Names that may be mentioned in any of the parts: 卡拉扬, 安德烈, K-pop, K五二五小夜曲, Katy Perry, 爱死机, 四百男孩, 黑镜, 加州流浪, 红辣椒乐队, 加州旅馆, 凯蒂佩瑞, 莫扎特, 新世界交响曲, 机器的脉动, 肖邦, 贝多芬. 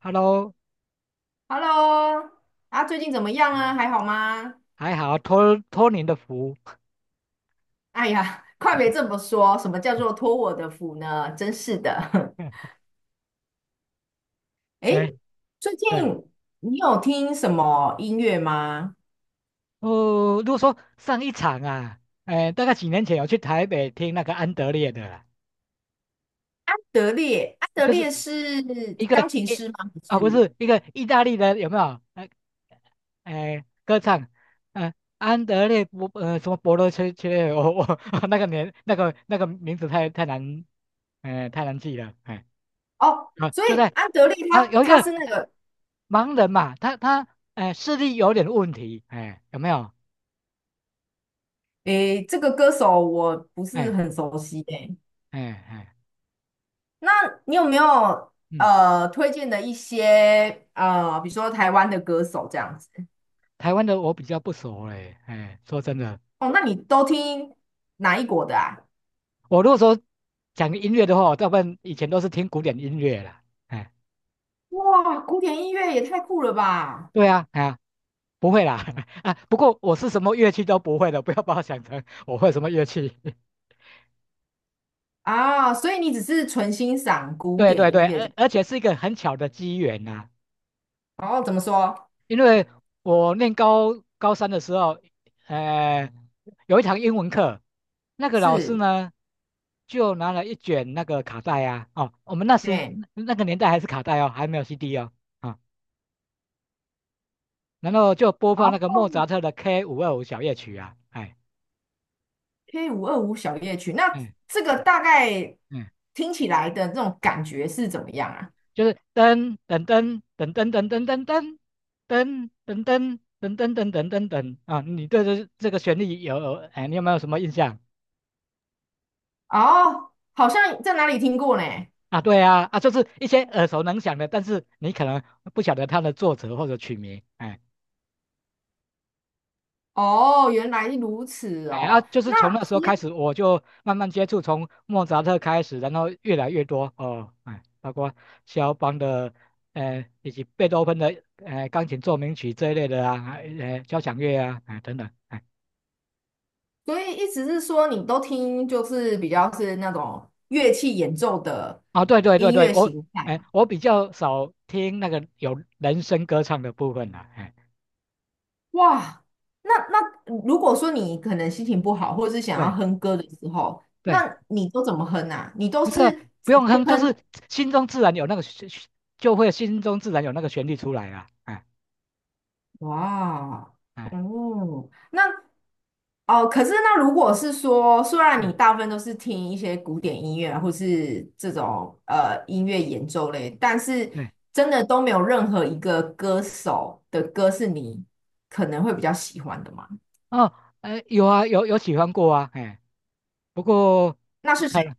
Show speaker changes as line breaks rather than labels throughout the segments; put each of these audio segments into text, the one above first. Hello，
Hello。啊，最近怎么样啊？还好吗？
还好托您的福。
哎呀，快别这么说，什么叫做托我的福呢？真是的。
哎，
诶，最近
对，
你有听什么音乐吗？
哦，如果说上一场啊，哎，大概几年前有去台北听那个安德烈的啦，
安德烈，安德
就是
烈是
一个
钢琴
一
师吗？不
啊，不
是。
是一个意大利的，有没有？哎哎，歌唱，嗯、安德烈博呃什么博罗切列，我 那个年那个那个名字太难，哎、太难记了，哎。
哦，
啊，
所
就
以
在
安德烈
啊，
他
有一
他
个
是那个，
盲人嘛，他哎视力有点问题，哎，有没有？
诶，这个歌手我不是
哎
很熟悉诶。
哎哎，
那你有没有
嗯，
推荐的一些比如说台湾的歌手这样子？
台湾的我比较不熟嘞，哎，说真的，
哦，那你都听哪一国的啊？
我如果说讲音乐的话，我大部分以前都是听古典音乐啦，哎，
哇，古典音乐也太酷了吧！
对啊，哎呀，不会啦，啊，不过我是什么乐器都不会的，不要把我想成我会什么乐器，
啊，所以你只是纯欣赏 古
对
典
对
音
对，
乐这。
而且是一个很巧的机缘呐、
哦，怎么说？
因为我念高三的时候，呃，有一堂英文课，那个老师
是，
呢，就拿了一卷那个卡带啊，哦，我们
对，
那个年代还是卡带哦，还没有 CD 哦，啊、然后就播放那个
好
莫扎特的 K525小夜曲啊，哎，
，K525小夜曲。那
哎，
这个大概
嗯，
听起来的这种感觉是怎么样啊？
就是噔噔噔噔噔噔噔噔噔噔噔噔噔噔噔噔噔噔啊，你对这个旋律有，哎，你有没有什么印象？
哦，好像在哪里听过呢？
啊，对啊，啊，就是一些耳熟能详的，但是你可能不晓得它的作者或者曲名，哎
哦，原来如此
哎啊，
哦。
就是从
那
那时
除
候开始，我就慢慢接触，从莫扎特开始，然后越来越多哦，哎，包括肖邦的，以及贝多芬的，钢琴奏鸣曲这一类的啊，交响乐啊，哎，等等，哎，
所以意思是说，你都听就是比较是那种乐器演奏的
哦，对对对
音
对，
乐
我，
形态。
哎，我比较少听那个有人声歌唱的部分了，哎，
哇，那那如果说你可能心情不好，或者是想要
对
哼歌的时候，
对。
那你都怎么哼啊？你都
不是
是
啊不
直
用
接
哼，就是
哼？
心中自然有那个旋就会心中自然有那个旋律出来啊，哎
哇，
哎，
哦，那哦，可是那如果是说，虽然你
对
大部分都是听一些古典音乐啊或是这种音乐演奏类，但是
对，
真的都没有任何一个歌手的歌是你可能会比较喜欢的吗？
哦，哎，有啊，有喜欢过啊，哎，不过
那是谁？
看了，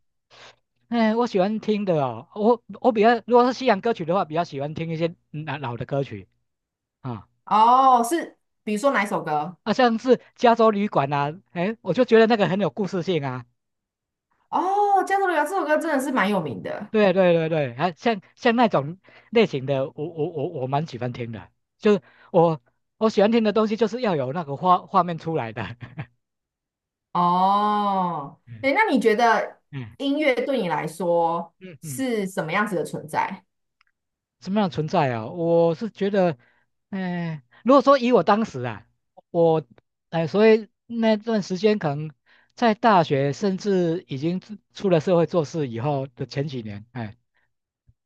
哎，我喜欢听的哦，我比较如果是西洋歌曲的话，比较喜欢听一些老的歌曲啊，
哦，是比如说哪一首歌？
啊，像是加州旅馆啊，哎，我就觉得那个很有故事性啊。
哦，《加州流浪》这首歌真的是蛮有名的。
对对对对，啊，像那种类型的，我蛮喜欢听的，就是我我喜欢听的东西，就是要有那个画面出来的。
哦，
嗯
诶，那你觉得
嗯
音乐对你来说
嗯嗯，
是什么样子的存在？
什么样的存在啊？我是觉得，哎，如果说以我当时啊，我，哎、所以那段时间可能在大学，甚至已经出了社会做事以后的前几年，哎、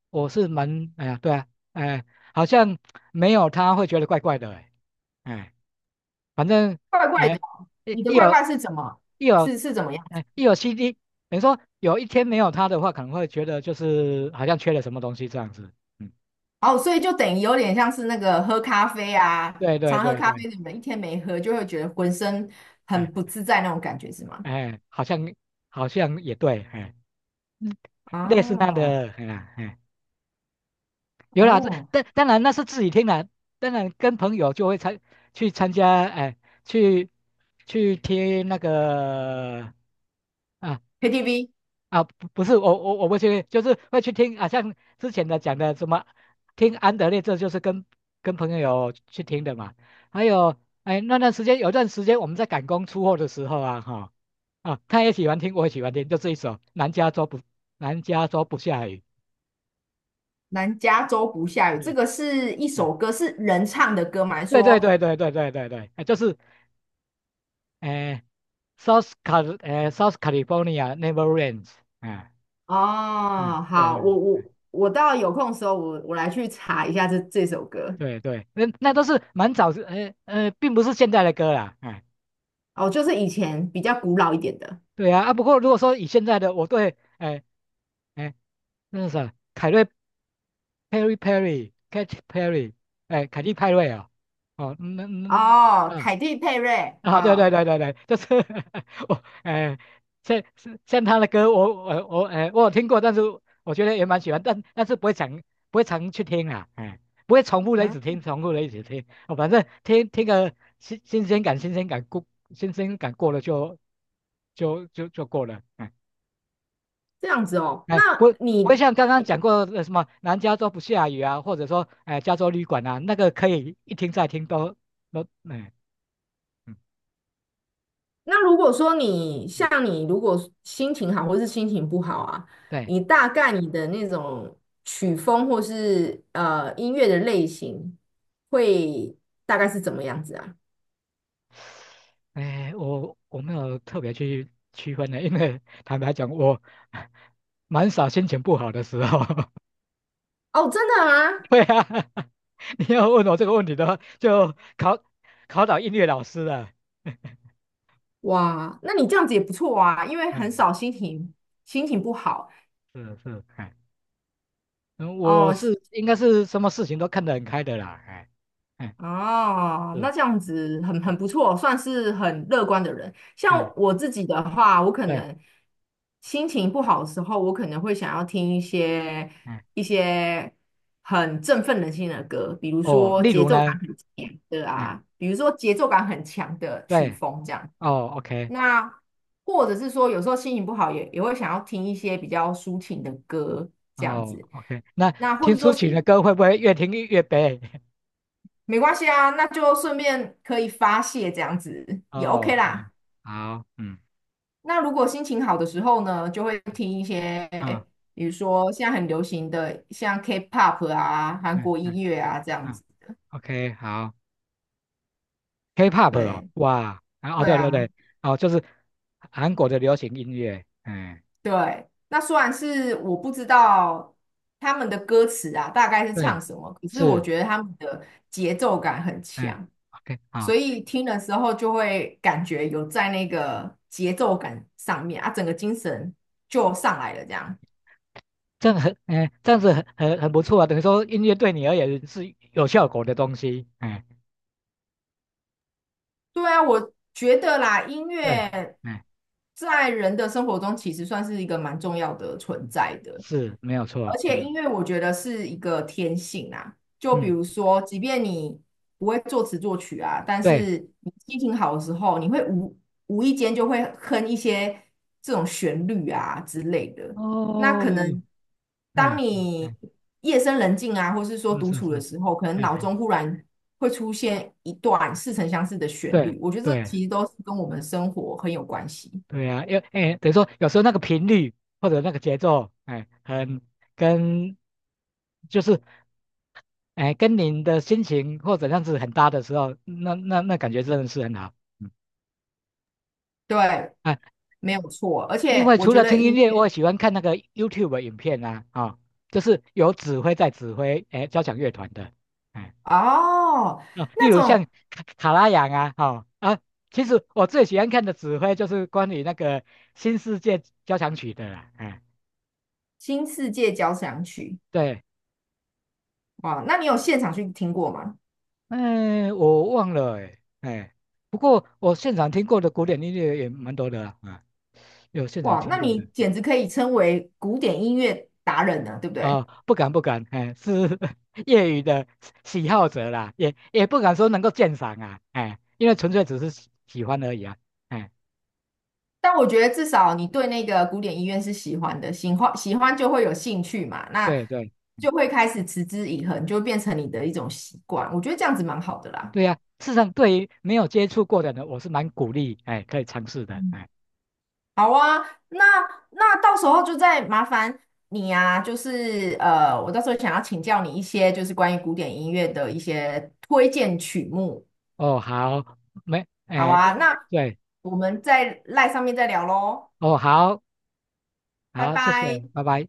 我是蛮，哎呀，对啊，哎、好像没有他会觉得怪怪的、哎。哎反正
怪怪的，
哎，一
你的
一
怪
有
怪是怎么？
一有
是怎么样？
一有 CD，等于说有一天没有它的话，可能会觉得就是好像缺了什么东西这样子。嗯，
哦，所以就等于有点像是那个喝咖啡啊，
对对
常喝
对
咖
对，
啡的人一天没喝，就会觉得浑身
哎
很不自在那种感觉，是吗？
哎，好像也对，哎，嗯类似那样
哦
的，哎呀哎，有啦，这
哦
但当然那是自己听的，当然跟朋友就会去参加，哎，去去听那个。啊，
，KTV
啊，不是我不去，就是会去听啊，像之前的讲的什么，听安德烈，这就是跟朋友去听的嘛。还有，哎，那段时间有段时间我们在赶工出货的时候啊，哈、啊，他也喜欢听，我也喜欢听，就这一首南加州不下雨》
南加州不下雨，这
嗯，
个是一
哎
首歌，是人唱的歌吗？还是
对对
说
对对对对对对，哎，就是哎，South California never rains。哎，嗯，
哦，
对
好，我
对
我我到有空的时候，我来去查一下这首歌。
对对，那都是蛮早之，并不是现在的歌啦，哎，
哦，就是以前比较古老一点的。
对啊，啊，不过如果说以现在的，我对，哎哎，那是啥，凯瑞 Perry Perry Katy Perry，哎，凯蒂派瑞哦，哦，那
哦，凯蒂佩瑞
啊，对
啊，
对
哦
对对对，就是 我，哎、像他的歌我，我有听过，但是我觉得也蛮喜欢，但是不会常去听啊，哎、不会重复的一直
嗯，
听，重复的一直听，哦，反正听个新鲜感，新鲜感过了就过了，哎、
这样子哦。那
哎、不会
你
像刚刚讲过的什么南加州不下雨啊，或者说哎、加州旅馆啊，那个可以一听再听都哎嗯
那如果说
嗯
你
嗯，
像你，如果心情好或是心情不好啊，
对。
你大概你的那种曲风或是音乐的类型会大概是怎么样子啊？
哎，我没有特别去区分的，因为坦白讲，我 蛮少心情不好的时候。
哦，真的吗？
对啊，你要问我这个问题的话，就考倒音乐老师了。
哇，那你这样子也不错啊，因为很
嗯，
少心情心情不好
是是，哎，嗯，我
哦。
是应该是什么事情都看得很开的啦，哎，哎，
哦，
是，
那这样子很
嗯，
不错，算是很乐观的人。像
哎，
我自己的话，我可
对，
能心情不好的时候，我可能会想要听一些
哎，
一些很振奋人心的歌，比如
哦，
说
例
节
如
奏
呢，
感很强的
哎，
啊，比如说节奏感很强的曲
对，
风这样。
哦，OK，
那或者是说，有时候心情不好也会想要听一些比较抒情的歌这样
哦
子。
，OK，那
那或
听
者说
抒情的
心
歌会不会越听越悲？
没关系啊，那就顺便可以发泄这样子也
哦，
OK
好，
啦。
好，嗯，
那如果心情好的时候呢，就会听一些，
啊，
比如说现在很流行的像 K-pop 啊、韩
嗯
国
嗯
音乐啊这样
嗯
子。
，OK，好，K-pop 哦，
对，
哇，啊哦，
对
对对
啊。
对，哦，就是韩国的流行音乐，哎，
对，那虽然是我不知道他们的歌词啊，大概是
对，
唱什么，可是我
是，
觉得他们的节奏感很
哎
强，
o k
所
好，
以听的时候就会感觉有在那个节奏感上面啊，整个精神就上来了这样。
这样很，哎，这样子很不错啊，等于说音乐对你而言是有效果的东西，哎，
对啊，我觉得啦，音
对，
乐
哎，
在人的生活中其实算是一个蛮重要的存在的，
是没有
而
错，
且
嗯
音乐我觉得是一个天性啊。就比
嗯，
如说，即便你不会作词作曲啊，但
对，
是你心情好的时候，你会无无意间就会哼一些这种旋律啊之类的。那
哦，
可能当
对，
你
嗯
夜深人静啊，或是说
嗯，
独
是是
处
是，
的时候，可能
嗯
脑
嗯，
中忽然会出现一段似曾相识的旋
对
律。我觉得这
对，
其实都是跟我们生活很有关系。
对呀、啊，因为哎，等于说有时候那个频率或者那个节奏，哎，跟就是哎跟您的心情或者样子很搭的时候，那感觉真的是很好。嗯
对，
啊，
没有错。而
另
且
外
我
除
觉
了
得
听音
音
乐，
乐
我也喜欢看那个 YouTube 的影片啊，啊、就是有指挥在指挥哎交响乐团的，哎
哦，
哦，例
那
如
种
像卡拉扬啊，哦啊，其实我最喜欢看的指挥就是关于那个新世界交响曲的啦，哎
新世界交响曲，
对。
哇，那你有现场去听过吗？
哎，我忘了哎哎，不过我现场听过的古典音乐也蛮多的啊，啊有现场
哇，
听
那
过
你
的
简直可以称为古典音乐达人呢，对不
啊，
对？
不敢不敢，哎，是 业余的喜好者啦，也不敢说能够鉴赏啊，哎，因为纯粹只是喜欢而已啊，哎，
但我觉得至少你对那个古典音乐是喜欢的，喜欢喜欢就会有兴趣嘛，那
对对
就会开始持之以恒，就会变成你的一种习惯。我觉得这样子蛮好的啦。
对呀、事实上对于没有接触过的人，我是蛮鼓励，哎，可以尝试的，哎，
好啊，那那到时候就再麻烦你啊，就是呃，我到时候想要请教你一些就是关于古典音乐的一些推荐曲目。
哦好，没，
好
哎
啊，
对
那
对，
我们在赖上面再聊喽，
哦好
拜
好，谢
拜。
谢，拜拜。